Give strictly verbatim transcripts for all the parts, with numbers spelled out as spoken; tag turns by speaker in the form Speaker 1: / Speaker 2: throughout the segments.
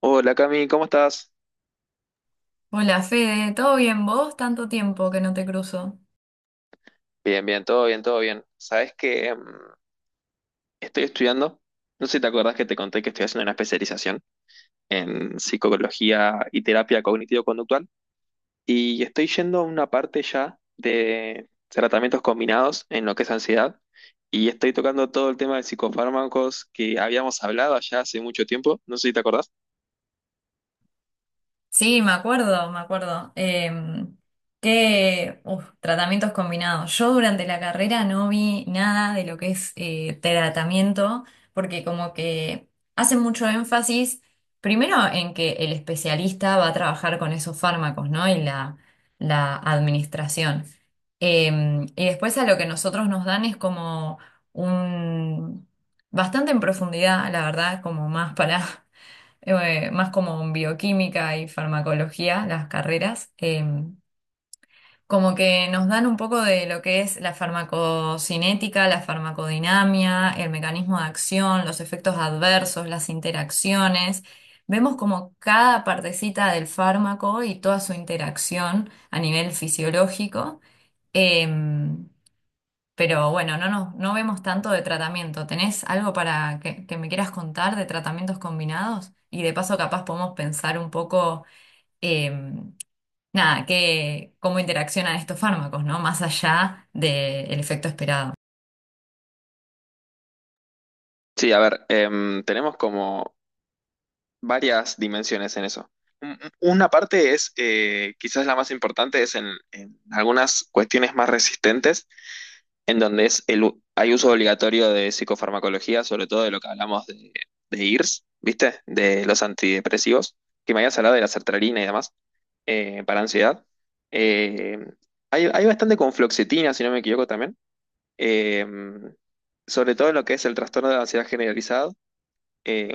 Speaker 1: Hola Cami, ¿cómo estás?
Speaker 2: Hola Fede, ¿todo bien vos? Tanto tiempo que no te cruzo.
Speaker 1: Bien, bien, todo bien, todo bien. Sabes que mm, estoy estudiando, no sé si te acordás que te conté que estoy haciendo una especialización en psicología y terapia cognitivo-conductual y estoy yendo a una parte ya de tratamientos combinados en lo que es ansiedad y estoy tocando todo el tema de psicofármacos que habíamos hablado allá hace mucho tiempo, no sé si te acordás.
Speaker 2: Sí, me acuerdo, me acuerdo. Em, qué uf, tratamientos combinados. Yo durante la carrera no vi nada de lo que es eh, tratamiento, porque como que hacen mucho énfasis, primero en que el especialista va a trabajar con esos fármacos, ¿no? Y la, la administración. Em, y después a lo que nosotros nos dan es como un, bastante en profundidad, la verdad, como más para eh, más como en bioquímica y farmacología, las carreras, eh, como que nos dan un poco de lo que es la farmacocinética, la farmacodinamia, el mecanismo de acción, los efectos adversos, las interacciones. Vemos como cada partecita del fármaco y toda su interacción a nivel fisiológico. Em, pero bueno, no, no, no vemos tanto de tratamiento. ¿Tenés algo para que, que me quieras contar de tratamientos combinados? Y de paso, capaz podemos pensar un poco, em, nada, que, ¿cómo interaccionan estos fármacos? ¿No? Más allá del efecto esperado.
Speaker 1: Sí, a ver, em, tenemos como varias dimensiones en eso. Un- Una parte es, eh, quizás la más importante, es en, en algunas cuestiones más resistentes, en donde es el, u- hay uso obligatorio de psicofarmacología, sobre todo de lo que hablamos de, de I R S, ¿viste? De los antidepresivos, que me habías hablado de la sertralina y demás, eh, para ansiedad. Eh, hay, hay bastante con fluoxetina, si no me equivoco también, eh, sobre todo en lo que es el trastorno de ansiedad generalizado eh,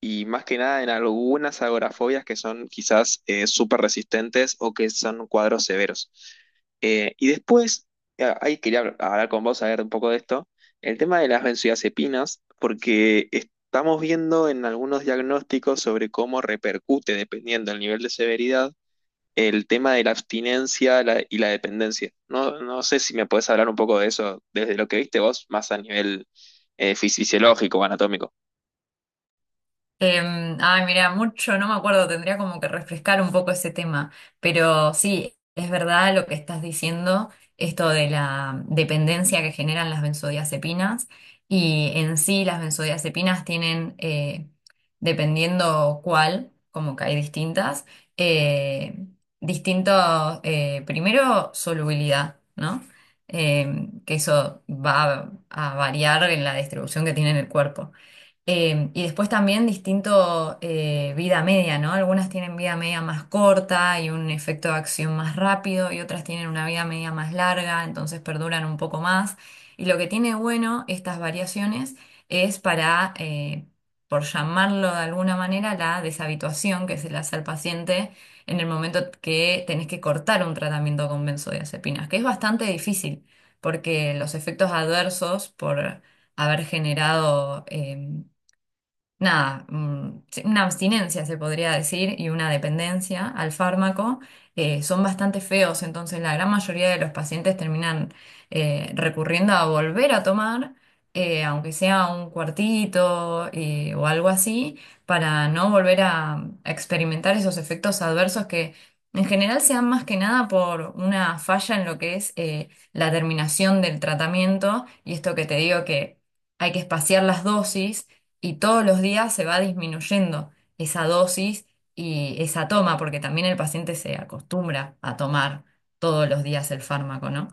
Speaker 1: y más que nada en algunas agorafobias que son quizás eh, súper resistentes o que son cuadros severos. Eh, y después, eh, ahí quería habl- hablar con vos, a ver un poco de esto, el tema de las benzodiazepinas, porque estamos viendo en algunos diagnósticos sobre cómo repercute, dependiendo del nivel de severidad, el tema de la abstinencia la- y la dependencia. No, no sé si me podés hablar un poco de eso, desde lo que viste vos, más a nivel eh, fisiológico o anatómico.
Speaker 2: Em, ay, mira, mucho, no me acuerdo, tendría como que refrescar un poco ese tema, pero sí, es verdad lo que estás diciendo, esto de la dependencia que generan las benzodiazepinas, y en sí las benzodiazepinas tienen, eh, dependiendo cuál, como que hay distintas, eh, distinto, eh, primero, solubilidad, ¿no? Em, que eso va a a variar en la distribución que tiene en el cuerpo. Eh, y después también distinto eh, vida media, ¿no? Algunas tienen vida media más corta y un efecto de acción más rápido, y otras tienen una vida media más larga, entonces perduran un poco más. Y lo que tiene bueno estas variaciones es para, eh, por llamarlo de alguna manera, la deshabituación que se le hace al paciente en el momento que tenés que cortar un tratamiento con benzodiazepinas, que es bastante difícil porque los efectos adversos por haber generado eh, nada, mm, sí, una abstinencia se podría decir, y una dependencia al fármaco, eh, son bastante feos, entonces la gran mayoría de los pacientes terminan eh, recurriendo a volver a tomar, eh, aunque sea un cuartito, eh, o algo así, para no volver a a experimentar esos efectos adversos, que en general se dan más que nada por una falla en lo que es eh, la terminación del tratamiento, y esto que te digo, que hay que espaciar las dosis, y todos los días se va disminuyendo esa dosis y esa toma, porque también el paciente se acostumbra a tomar todos los días el fármaco, ¿no?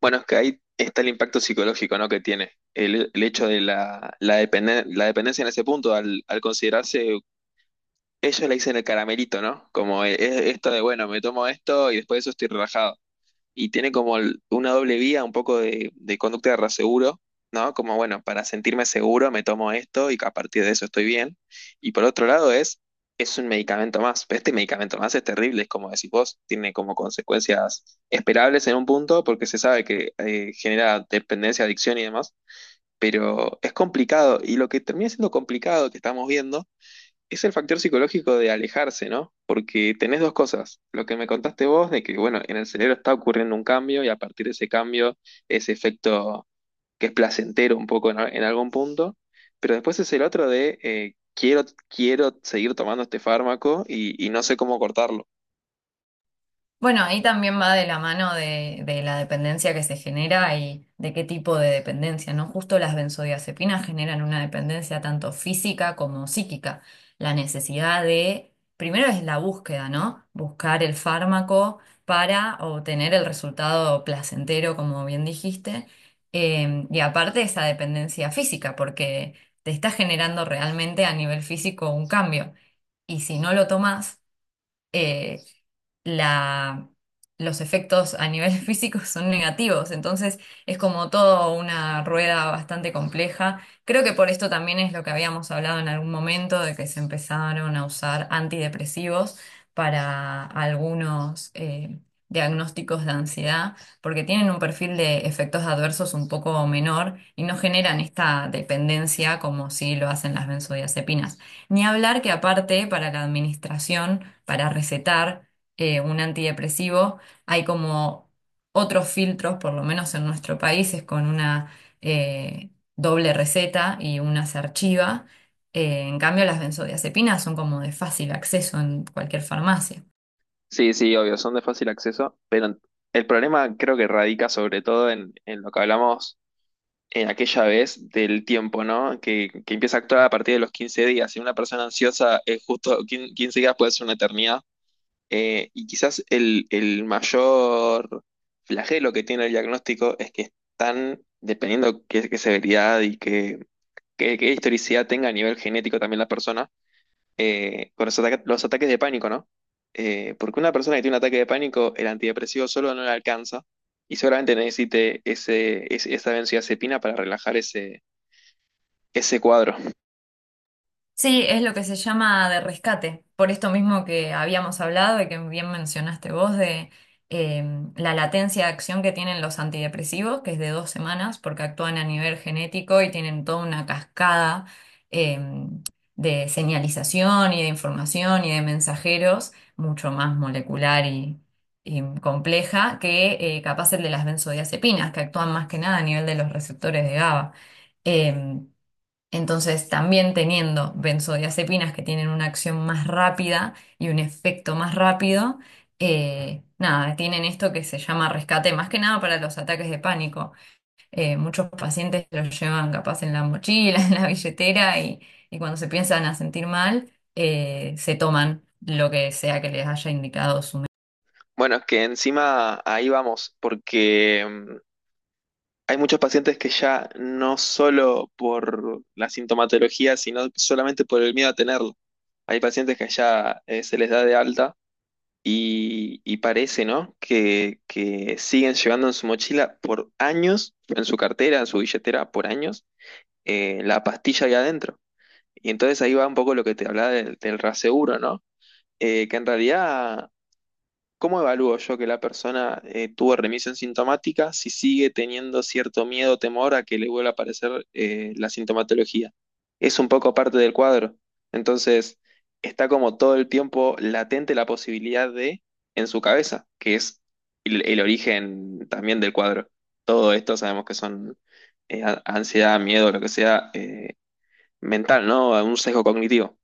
Speaker 1: Bueno, es que ahí está el impacto psicológico, ¿no? Que tiene. El, el hecho de la, la, dependen- la dependencia en ese punto, al, al considerarse, ellos le dicen el caramelito, ¿no? Como eh, eh, esto de, bueno, me tomo esto y después de eso estoy relajado y tiene como el- una doble vía, un poco de, de conducta de raseguro, ¿no? Como, bueno, para sentirme seguro me tomo esto y a partir de eso estoy bien. Y por otro lado es, es un medicamento más, pero este medicamento más es terrible, es como decís vos, tiene como consecuencias esperables en un punto porque se sabe que eh, genera dependencia, adicción y demás, pero es complicado y lo que termina siendo complicado que estamos viendo es el factor psicológico de alejarse, ¿no? Porque tenés dos cosas. Lo que me contaste vos de que, bueno, en el cerebro está ocurriendo un cambio y a partir de ese cambio, ese efecto que es placentero un poco en, a- en algún punto. Pero después es el otro de eh, quiero, quiero seguir tomando este fármaco y, y no sé cómo cortarlo.
Speaker 2: Bueno, ahí también va de la mano de, de la dependencia que se genera y de qué tipo de dependencia, ¿no? Justo las benzodiazepinas generan una dependencia tanto física como psíquica. La necesidad de, primero es la búsqueda, ¿no? Buscar el fármaco para obtener el resultado placentero, como bien dijiste. Eh, y aparte esa dependencia física, porque te está generando realmente a nivel físico un cambio. Y si no lo tomas, eh, la, los efectos a nivel físico son negativos. Entonces es como todo una rueda bastante compleja. Creo que por esto también es lo que habíamos hablado en algún momento, de que se empezaron a usar antidepresivos para algunos eh, diagnósticos de ansiedad, porque tienen un perfil de efectos adversos un poco menor y no generan esta dependencia como si lo hacen las benzodiazepinas. Ni hablar que aparte para la administración, para recetar eh, un antidepresivo, hay como otros filtros, por lo menos en nuestro país, es con una eh, doble receta, y una se archiva. Eh, en cambio, las benzodiazepinas son como de fácil acceso en cualquier farmacia.
Speaker 1: Sí, sí, obvio, son de fácil acceso, pero el problema creo que radica sobre todo en, en lo que hablamos en aquella vez del tiempo, ¿no? Que, que empieza a actuar a partir de los quince días. Si una persona ansiosa es justo quin- quince días puede ser una eternidad. Eh, y quizás el, el mayor flagelo que tiene el diagnóstico es que están, dependiendo qué, qué severidad y qué, qué- qué historicidad tenga a nivel genético también la persona, eh, con los ataques, los ataques de pánico, ¿no? Eh, porque una persona que tiene un ataque de pánico, el antidepresivo solo no le alcanza y seguramente necesite ese, ese- esa benzodiazepina para relajar ese, ese cuadro.
Speaker 2: Sí, es lo que se llama de rescate, por esto mismo que habíamos hablado y que bien mencionaste vos, de eh, la latencia de acción que tienen los antidepresivos, que es de dos semanas, porque actúan a nivel genético y tienen toda una cascada eh, de señalización y de información y de mensajeros, mucho más molecular y, y compleja que eh, capaz el de las benzodiazepinas, que actúan más que nada a nivel de los receptores de GABA. Em, entonces, también teniendo benzodiazepinas que tienen una acción más rápida y un efecto más rápido, eh, nada, tienen esto que se llama rescate, más que nada para los ataques de pánico. Eh, muchos pacientes los llevan capaz en la mochila, en la billetera, y, y cuando se piensan a sentir mal, eh, se toman lo que sea que les haya indicado su.
Speaker 1: Bueno, es que encima ahí vamos, porque mm, hay muchos pacientes que ya no solo por la sintomatología, sino solamente por el miedo a tenerlo. Hay pacientes que ya eh, se les da de alta y, y parece, ¿no? Que, que siguen llevando en su mochila por años, en su cartera, en su billetera, por años, eh, la pastilla ahí adentro. Y entonces ahí va un poco lo que te hablaba del, del raseguro, ¿no? Eh, que en realidad, ¿cómo evalúo yo que la persona eh, tuvo remisión sintomática si sigue teniendo cierto miedo o temor a que le vuelva a aparecer eh, la sintomatología? Es un poco parte del cuadro. Entonces, está como todo el tiempo latente la posibilidad de, en su cabeza, que es el, el origen también del cuadro. Todo esto sabemos que son eh, a- ansiedad, miedo, lo que sea, eh, mental, ¿no? Un sesgo cognitivo.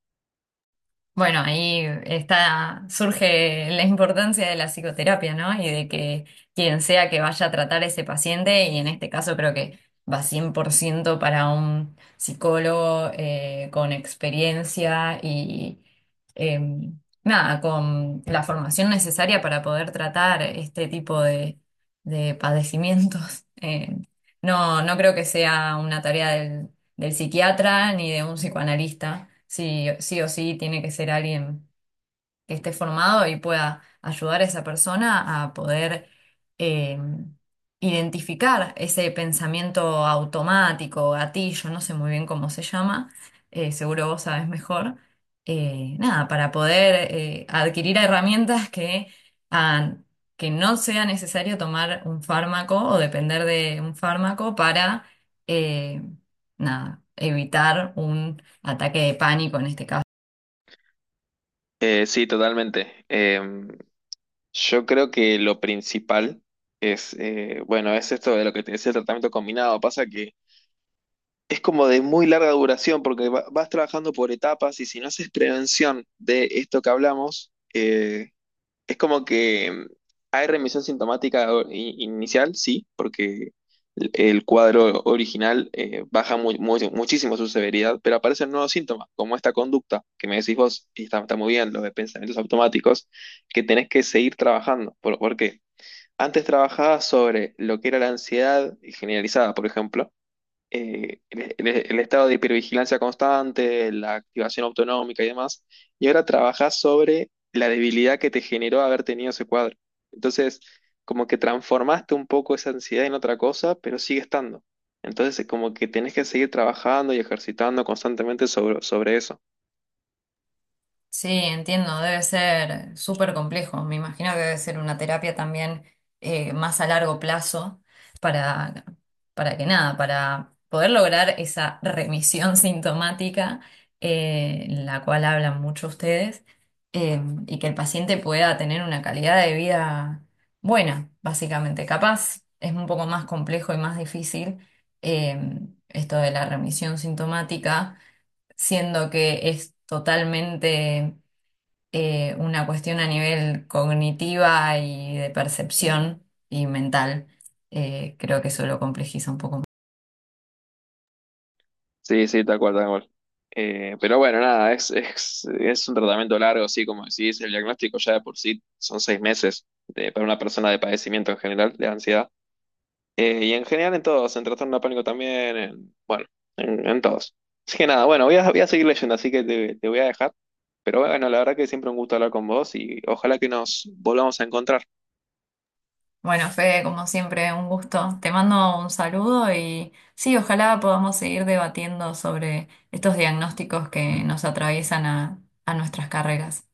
Speaker 2: Bueno, ahí está, surge la importancia de la psicoterapia, ¿no? Y de que quien sea que vaya a tratar a ese paciente, y en este caso creo que va cien por ciento para un psicólogo, eh, con experiencia, y eh, nada, con la formación necesaria para poder tratar este tipo de, de padecimientos. Eh, no, no creo que sea una tarea del psiquiatra ni de un psicoanalista. Sí, sí o sí tiene que ser alguien que esté formado y pueda ayudar a esa persona a poder eh, identificar ese pensamiento automático, gatillo, no sé muy bien cómo se llama, eh, seguro vos sabés mejor, eh, nada, para poder eh, adquirir herramientas que hagan que no sea necesario tomar un fármaco o depender de un fármaco para, eh, nada, evitar un ataque de pánico en este caso.
Speaker 1: Eh, sí, totalmente. Em, Yo creo que lo principal es, eh, bueno, es esto de lo que te decía el tratamiento combinado. Pasa que es como de muy larga duración porque va- vas trabajando por etapas y si no haces prevención de esto que hablamos, eh, es como que mm, hay remisión sintomática o- i- inicial, sí, porque el el cuadro original eh, baja muy- muy- muchísimo su severidad, pero aparecen nuevos síntomas, como esta conducta que me decís vos, y está, está muy bien, lo de pensamientos automáticos, que tenés que seguir trabajando. ¿Por, por qué? Antes trabajaba sobre lo que era la ansiedad generalizada, por ejemplo, eh, el, el- el estado de hipervigilancia constante, la activación autonómica y demás, y ahora trabajás sobre la debilidad que te generó haber tenido ese cuadro. Entonces, como que transformaste un poco esa ansiedad en otra cosa, pero sigue estando. Entonces, como que tenés que seguir trabajando y ejercitando constantemente sobre, sobre eso.
Speaker 2: Sí, entiendo, debe ser súper complejo. Me imagino que debe ser una terapia también eh, más a largo plazo, para, para que nada, para poder lograr esa remisión sintomática, eh, la cual hablan mucho ustedes, eh, y que el paciente pueda tener una calidad de vida buena, básicamente. Capaz es un poco más complejo y más difícil eh, esto de la remisión sintomática, siendo que es totalmente eh, una cuestión a nivel cognitiva y de percepción y mental. Eh, creo que eso lo complejiza un poco más.
Speaker 1: Sí, sí, tal cual, tal cual. Eh, pero bueno, nada, es, es, es un tratamiento largo, sí, como decís, el diagnóstico ya de por sí son seis meses de- para una persona de padecimiento en general, de ansiedad. Eh, y en general en todos, en trastorno de pánico también, en- bueno, en, en todos. Así que nada, bueno, voy a, voy a seguir leyendo, así que te, te voy a dejar. Pero bueno, la verdad que siempre un gusto hablar con vos y ojalá que nos volvamos a encontrar.
Speaker 2: Bueno, Fede, como siempre, un gusto. Te mando un saludo y sí, ojalá podamos seguir debatiendo sobre estos diagnósticos que nos atraviesan a a nuestras carreras.